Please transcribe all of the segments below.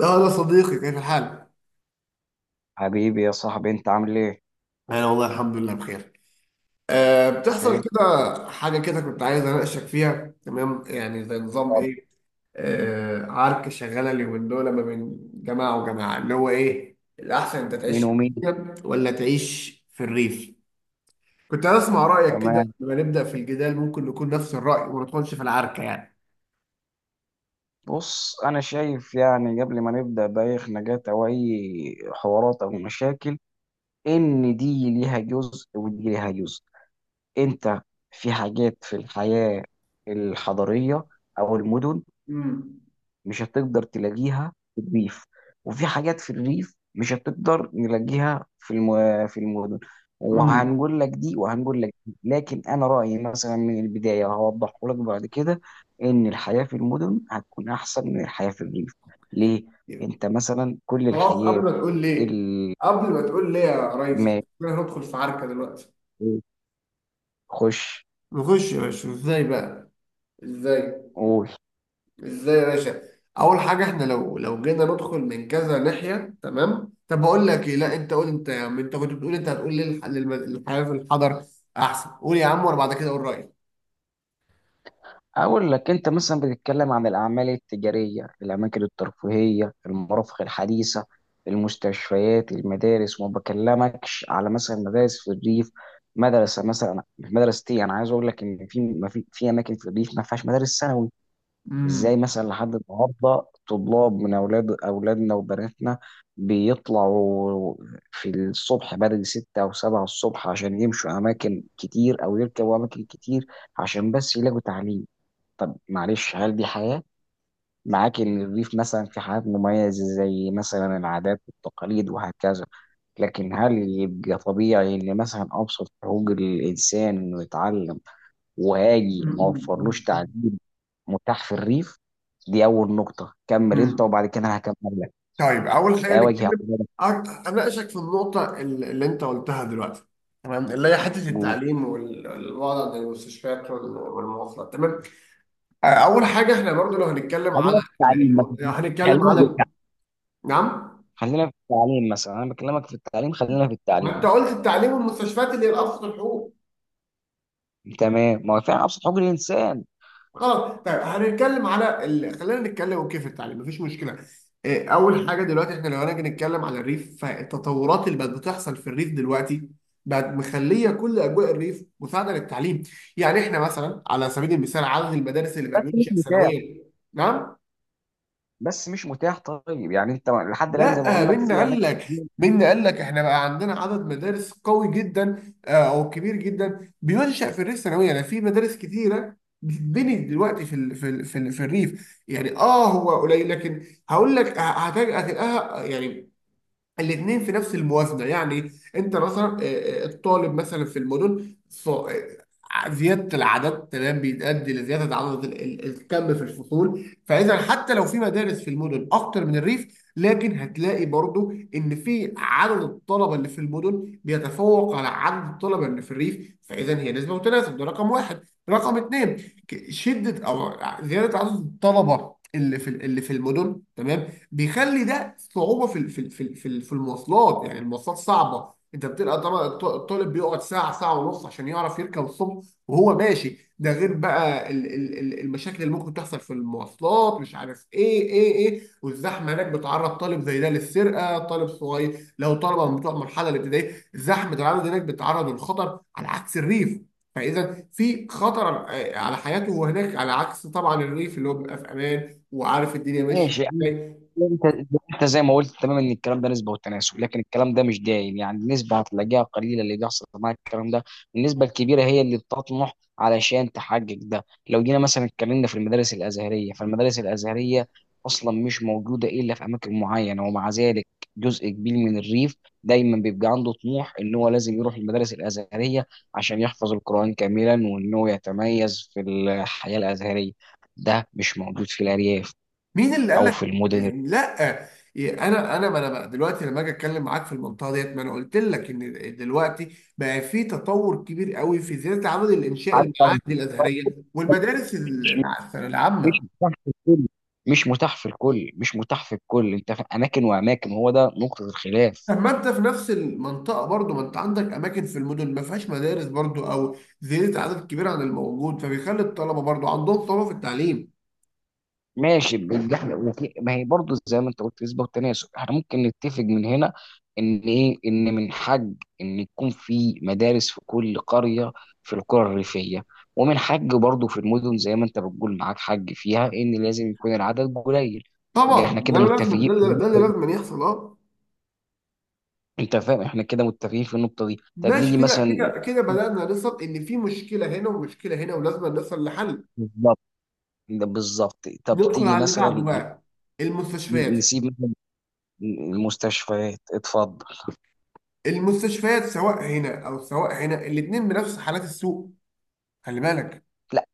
اه ده صديقي، كيف الحال؟ حبيبي يا صاحبي، انت عامل ايه؟ أنا والله الحمد لله بخير. أه، بتحصل بخير. كده حاجة كده. كنت عايز أناقشك فيها، تمام؟ يعني زي نظام طب، إيه، أه عركة شغالة اليومين دول ما بين جماعة وجماعة، اللي هو إيه الأحسن، أنت تعيش مين في ومين؟ المدينة ولا تعيش في الريف؟ كنت عايز أسمع رأيك كده، تمام. لما نبدأ في الجدال ممكن نكون نفس الرأي وما ندخلش في العركة يعني. بص، انا شايف يعني قبل ما نبدا باي خناقات او اي حوارات او مشاكل ان دي ليها جزء ودي ليها جزء. انت في حاجات في الحياه الحضريه او المدن امم. مش هتقدر تلاقيها في الريف، وفي حاجات في الريف مش هتقدر نلاقيها في المدن. امم. وهنقول لك دي وهنقول لك دي، لكن انا رايي مثلا من البدايه هوضحه لك بعد كده ان الحياه في المدن هتكون احسن من الحياه في الريف. ليه؟ انت مثلا كل خلاص قبل الحياه ما تقول ليه، اللي قبل ما تقول ليه يا ريس، ما إحنا هندخل في عركة دلوقتي. خش. نخش يا باشا، ازاي بقى؟ ازاي؟ قول. ازاي يا باشا؟ اول حاجه، احنا لو جينا ندخل من كذا ناحيه، تمام؟ طب بقول لك ايه، لا انت قول انت يا عم، انت كنت بتقول، انت هتقول لي الحياه في الحضر احسن، قول يا عم وانا بعد كده اقول رايي. أقول لك، أنت مثلا بتتكلم عن الأعمال التجارية، الأماكن الترفيهية، المرافق الحديثة، المستشفيات، المدارس، وما بكلمكش على مثلا مدارس في الريف. مدرسة مثلا مدرستي، أنا عايز أقول لك إن في أماكن في الريف ما فيهاش مدارس ثانوي. إزاي امم. مثلا لحد النهاردة طلاب من أولاد أولادنا وبناتنا بيطلعوا في الصبح بدري ستة أو سبعة الصبح عشان يمشوا أماكن كتير أو يركبوا أماكن كتير عشان بس يلاقوا تعليم؟ طب معلش، هل دي حياة؟ معاك إن الريف مثلا في حاجات مميزة زي مثلا العادات والتقاليد وهكذا، لكن هل يبقى طبيعي إن مثلا أبسط حقوق الإنسان إنه يتعلم، وهاجي ما امم. وفرلوش امم. تعليم متاح في الريف؟ دي أول نقطة، كمل أنت امم. وبعد كده أنا هكمل لك. طيب اول حاجه أواجه نتكلم، اعتراضك. اناقشك في النقطه اللي انت قلتها دلوقتي، تمام، اللي هي حته قول. التعليم والوضع عند المستشفيات والمواصلات، تمام. اول حاجه، احنا برضو لو هنتكلم على خلينا في التعليم لو مثلا، هنتكلم خلينا على في التعليم، ال-. نعم. خلينا في التعليم مثلا، أنا بكلمك في التعليم، خلينا في ما انت التعليم. قلت التعليم والمستشفيات اللي هي الابسط الحقوق. تمام، ما هو فعلا أبسط حقوق الإنسان. خلاص طيب، هنتكلم على ال... خلينا نتكلم، اوكي، في التعليم مفيش مشكله. إيه، اول حاجه دلوقتي، احنا لو هنيجي نتكلم على الريف، فالتطورات اللي بقت بتحصل في الريف دلوقتي بقت مخليه كل اجواء الريف مساعده للتعليم. يعني احنا مثلا على سبيل المثال، عدد المدارس اللي بقى بس مش بينشأ مثال، سنويا. نعم. بس مش متاح. طيب يعني انت لحد الان زي ما لا، بقول لك مين في قال اماكن لك؟ كتير. مين قال لك؟ احنا بقى عندنا عدد مدارس قوي جدا، آه، او كبير جدا بينشأ في الريف ثانويا، يعني في مدارس كتيره بتتبني دلوقتي في ال في ال في, ال في الريف يعني، اه هو قليل لكن هقول لك هتلاقيها يعني الاثنين في نفس الموازنه. يعني انت مثلا، آه، آه، الطالب مثلا في المدن آه، زياده العدد تمام بيؤدي لزياده عدد الكم في الفصول، فاذا حتى لو في مدارس في المدن اكتر من الريف، لكن هتلاقي برضو ان في عدد الطلبه اللي في المدن بيتفوق على عدد الطلبه اللي في الريف، فاذا هي نسبه وتناسب، ده رقم واحد. رقم اثنين، شده او زياده عدد الطلبه اللي في المدن تمام بيخلي ده صعوبة في في المواصلات. يعني المواصلات صعبة، انت بتبقى طبعا الطالب بيقعد ساعة ساعة ونص عشان يعرف يركب الصبح وهو ماشي، ده غير بقى المشاكل اللي ممكن تحصل في المواصلات، مش عارف ايه ايه ايه، والزحمة هناك بتعرض طالب زي ده للسرقة. طالب صغير لو طلبة من بتوع المرحلة الابتدائية، الزحمة اللي عنده هناك بتعرضه للخطر على عكس الريف. فاذا في خطر، آه، على حياته هناك، على عكس طبعا الريف اللي هو بيبقى في امان وعارف الدنيا ماشيه. ماشي يعني. ازاي؟ انت انت زي ما قلت، تمام، ان الكلام ده نسبه وتناسب، لكن الكلام ده مش دايم يعني، النسبه هتلاقيها قليله اللي بيحصل معاك الكلام ده. النسبه الكبيره هي اللي بتطمح علشان تحقق ده. لو جينا مثلا اتكلمنا في المدارس الازهريه، فالمدارس الازهريه اصلا مش موجوده الا في اماكن معينه، ومع ذلك جزء كبير من الريف دايما بيبقى عنده طموح ان هو لازم يروح المدارس الازهريه عشان يحفظ القران كاملا، وان هو يتميز في الحياه الازهريه. ده مش موجود في الارياف مين اللي قال او لك؟ في المدن اللي- يعني لا، يعني انا ما انا بقى دلوقتي لما اجي اتكلم معاك في المنطقه ديت، ما انا قلت لك ان دلوقتي بقى في تطور كبير قوي في زياده عدد الانشاء، حتى. المعاهد الازهريه والمدارس مش العامه. مش متاح في الكل، مش متاح في الكل مش متاح في الكل. انت في اماكن واماكن، هو ده نقطه الخلاف. طب ما انت في نفس المنطقه برضو، ما انت عندك اماكن في المدن ما فيهاش مدارس برضو، او زياده عدد كبير عن الموجود فبيخلي الطلبه برضو عندهم صعوبه في التعليم. ماشي بال- احنا وفي- ما هي برضه زي ما انت قلت نسبه وتناسب. احنا ممكن نتفق من هنا ان ايه، ان من حق ان يكون في مدارس في كل قريه، في القرى الريفيه، ومن حق برضه في المدن زي ما انت بتقول معاك حق فيها، ان لازم يكون العدد قليل. يبقى احنا طبعا ده كده اللي لازم، متفقين في ده اللي النقطة دي. لازم يحصل، اه. انت فاهم؟ احنا كده متفقين في النقطه دي. طب ماشي نيجي كده مثلا. كده كده، بدأنا نصل إن في مشكلة هنا ومشكلة هنا ولازم نصل لحل. بالظبط، ده بالظبط. طب ندخل تيجي على اللي بعده مثلا بقى، المستشفيات. نسيب مثلا المستشفيات. اتفضل. المستشفيات سواء هنا أو سواء هنا الاتنين بنفس حالات السوق، خلي بالك. لا،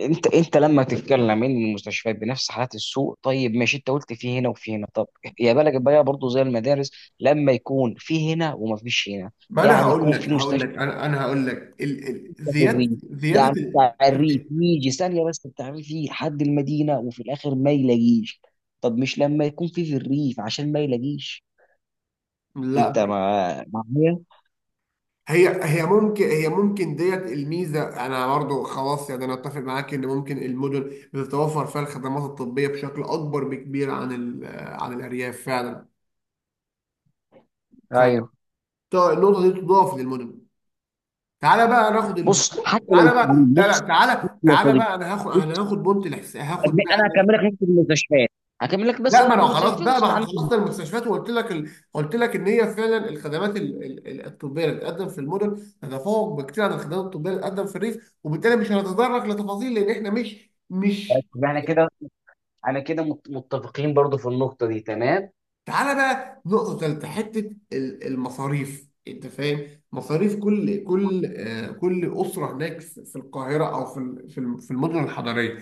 انت لما تتكلم ان المستشفيات بنفس حالات السوق، طيب ماشي، انت قلت في هنا وفي هنا، طب يا بالك بقى برضه زي المدارس لما يكون في هنا وما فيش هنا. ما أنا يعني هقول يكون لك، في هقول مستشفى لك أنا أنا هقول لك في زيادة الريف، يعني ال... بتاع الريف يجي ثانيه، بس بتاع الريف يجي لحد المدينه وفي الاخر ما يلاقيش. طب مش لما يكون في في الريف عشان ما يلاقيش. انت لا، ما معايا. هي هي ممكن، ممكن ديت الميزه، انا برضو خلاص يعني، انا اتفق معاك ان ممكن المدن بتتوفر فيها الخدمات الطبيه بشكل اكبر بكبير عن ال... عن الارياف فعلا. ايوه، طيب النقطه دي تضاف للمونيمنت. تعالى بقى ناخد ال... بص حتى لو مش تعالى بقى، تعليم، لا لا بص، بص تعالى، يا تعالى صديقي، بقى انا هاخد انا بص. هاخد بونت الحس... هاخد بقى انا أنا... هكمل لك نقطه المستشفيات، هكمل لك بس لا ما انا نقطه خلاص المستشفيات بقى، ما واسمع احنا عني. خلصنا المستشفيات وقلت لك ال... قلت لك ان هي فعلا الخدمات ال... ال... الطبيه اللي بتقدم في المدن تتفوق بكتير عن الخدمات الطبيه اللي بتقدم في الريف، وبالتالي مش هنتطرق لتفاصيل لان احنا مش. يبقى احنا كده، انا كده متفقين برضو في النقطه دي، تمام. تعالى بقى نقطة تالتة، حتة المصاريف. انت فاهم مصاريف كل، آه، كل أسرة هناك في القاهرة أو في في المدن الحضرية،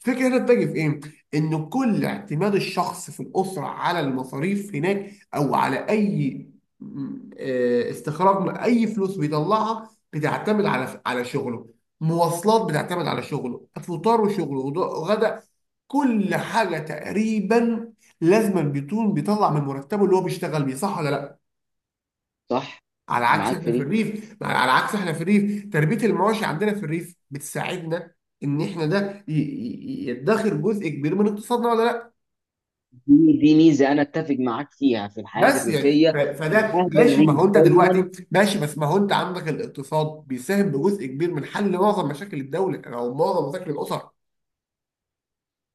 الفكرة هنا بتجي في إيه؟ إن كل اعتماد الشخص في الأسرة على المصاريف هناك أو على أي آه، استخراج من أي فلوس بيطلعها بتعتمد على شغله. مواصلات بتعتمد على شغله، فطار وشغله، غدا، كل حاجة تقريبا لازما بيكون بيطلع من مرتبه اللي هو بيشتغل بيه، صح ولا لا؟ صح. على انا عكس معاك احنا في في دي. الريف، تربيه المواشي عندنا في الريف بتساعدنا ان احنا ده يدخر جزء كبير من اقتصادنا، ولا لا؟ دي ميزه انا اتفق معاك فيها في الحياه بس يعني الريفيه. ان فده اهل ماشي، الريف، ما هو انت دلوقتي ماشي، بس ما هو انت عندك الاقتصاد بيساهم بجزء كبير من حل معظم مشاكل الدوله او معظم مشاكل الاسر.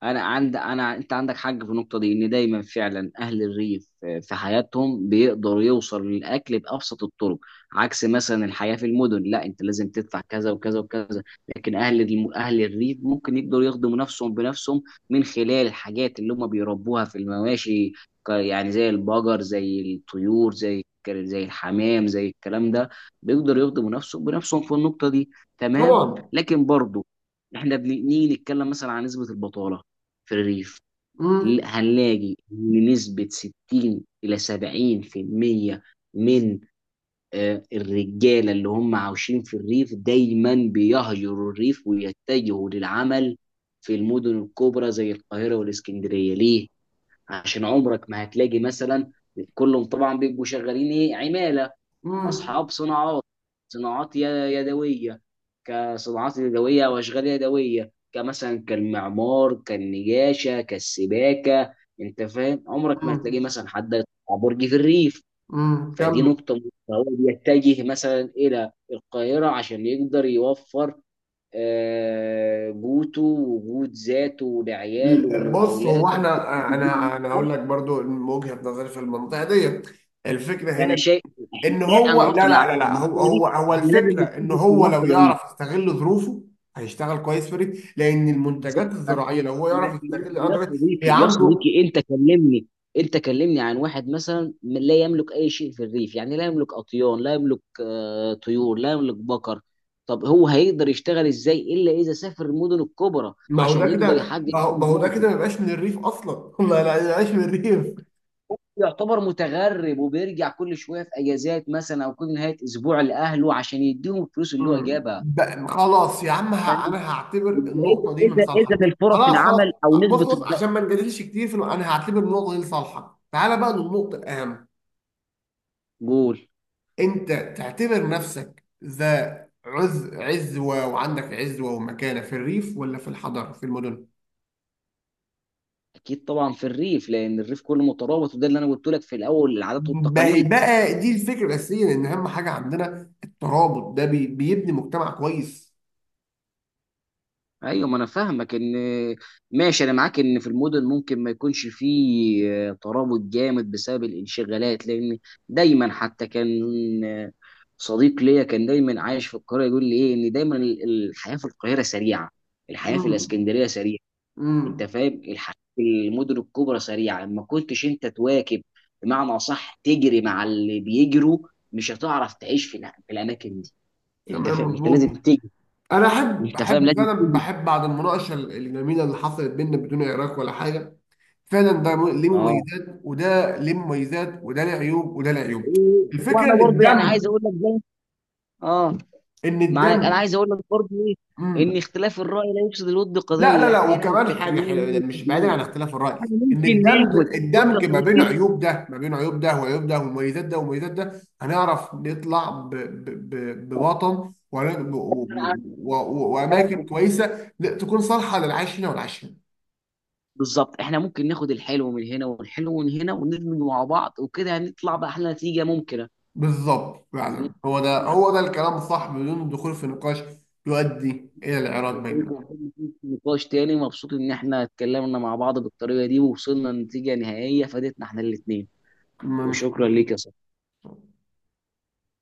انا عند انا انت عندك حق في النقطه دي، ان دايما فعلا اهل الريف في حياتهم بيقدر يوصل للاكل بابسط الطرق، عكس مثلا الحياه في المدن، لا انت لازم تدفع كذا وكذا وكذا. لكن اهل الريف ممكن يقدروا يخدموا نفسهم بنفسهم من خلال الحاجات اللي هم بيربوها في المواشي، يعني زي البقر، زي الطيور، زي الحمام، زي الكلام ده. بيقدروا يخدموا نفسهم بنفسهم في النقطه دي، تمام. طبعا. لكن برضه احنا بنيجي نتكلم مثلا عن نسبه البطاله في الريف. امم. هنلاقي إن نسبة 60 إلى 70% من الرجالة اللي هم عاوشين في الريف دايما بيهجروا الريف ويتجهوا للعمل في المدن الكبرى زي القاهرة والإسكندرية. ليه؟ عشان عمرك ما هتلاقي مثلا كلهم طبعا بيبقوا شغالين ايه، عمالة، امم. اصحاب صناعات، صناعات ي- يدويه. كصناعات يدويه او اشغال يدويه كمثلا كالمعمار، كالنجاشه، كالسباكه. انت فاهم، عمرك ما هتلاقي مثلا حد يطلع برج في الريف. امم. فدي نقطه مهمة. فهو بيتجه مثلا الى القاهره عشان يقدر يوفر قوته وجود ذاته لعياله بص ولاولاده، هو احنا، بمعنى انا هقول أصح. لك برضو من وجهة نظري في المنطقه دي، الفكره فانا هنا شايف ان هو، انا لا هقنع لا لا في لا هو المنطقه دي. هو هو إحنا لازم الفكره ان نتفق في هو لو المنطقه يعرف دي يستغل ظروفه هيشتغل كويس في ريف، لان المنتجات بالظبط. الزراعيه لو هو يعرف يستغل يا الارض دي، هي صديقي، يا عنده. صديقي، انت كلمني، انت كلمني عن واحد مثلا لا يملك اي شيء في الريف، يعني لا يملك اطيان، لا يملك طيور، لا يملك بقر. طب هو هيقدر يشتغل ازاي الا اذا سافر المدن الكبرى ما هو ده عشان يقدر كده، يحقق اهدافه؟ ما يبقاش من الريف اصلا ما لا ما يبقاش من الريف. يعتبر متغرب وبيرجع كل شويه في اجازات مثلا، او كل نهايه اسبوع لاهله عشان يديهم الفلوس اللي هو مم. جابها. خلاص يا عم فاهم؟ انا هعتبر يبقى اذا، النقطه دي من اذا صالحك، اذا الفرص خلاص خلاص. العمل او بص بص، عشان ما نجادلش كتير في النقطة، انا هعتبر النقطه دي لصالحك، تعالى بقى للنقطه الاهم. قول. انت تعتبر نفسك ذا عز، عزوه وعندك عزوه ومكانه في الريف ولا في الحضر في المدن؟ اكيد طبعا في الريف لان الريف كله مترابط، وده اللي انا قلت لك في الاول، العادات ما هي والتقاليد. بقى دي الفكره الاساسيه، لان اهم حاجه عندنا الترابط ده بيبني مجتمع كويس. ايوه، ما انا فاهمك. ان ماشي، انا معاك ان في المدن ممكن ما يكونش فيه ترابط جامد بسبب الانشغالات، لان دايما حتى كان آه، صديق ليا كان دايما عايش في القاهره يقول لي ايه، ان دايما الحياه في القاهره سريعه، الحياه في مم. الاسكندريه سريعه. انت مم. فاهم الحاجات المدن الكبرى سريعه، لما كنتش انت تواكب بمعنى اصح، تجري مع اللي بيجروا، مش هتعرف تعيش في في الاماكن دي. انت تمام فاهم انت مظبوط. لازم تجري، انا احب، انت فاهم لازم فعلا تجري. بحب بعد المناقشه الجميله اللي حصلت بيننا بدون عراك ولا حاجه. فعلا ده ليه اه، مميزات وده ليه مميزات، وده ليه عيوب وده ليه عيوب. الفكره وانا ان برضه يعني عايز الدم، اقول لك زي. اه، ان معاك، انا الدم. عايز اقول لك برضه ايه، امم. ان اختلاف الراي لا يفسد الود لا قضيه، لا لا، احنا هنا وكمان حاجه متفقين. حلوه هنا مش بعيدا متفقين. عن اختلاف الراي، احنا ان ممكن الدمج، ناخد، بص يا الدمج ما بين صديقي، عيوب ده، وعيوب ده ومميزات ده ومميزات ده، هنعرف نطلع بوطن انا أنا واماكن ممكن كويسه تكون صالحه للعيش هنا والعيش هنا. بالظبط. احنا ممكن ناخد الحلو من هنا والحلو من هنا وندمج مع بعض، وكده هنطلع بأحلى نتيجة ممكنة. بالظبط، يعني هو ده الكلام الصح بدون الدخول في نقاش يؤدي إلى الإعراض بيننا. نقاش تاني، مبسوط ان احنا اتكلمنا مع بعض بالطريقة دي، ووصلنا لنتيجة نهائية فادتنا احنا الاتنين. م- وشكرا ليك يا صاحبي.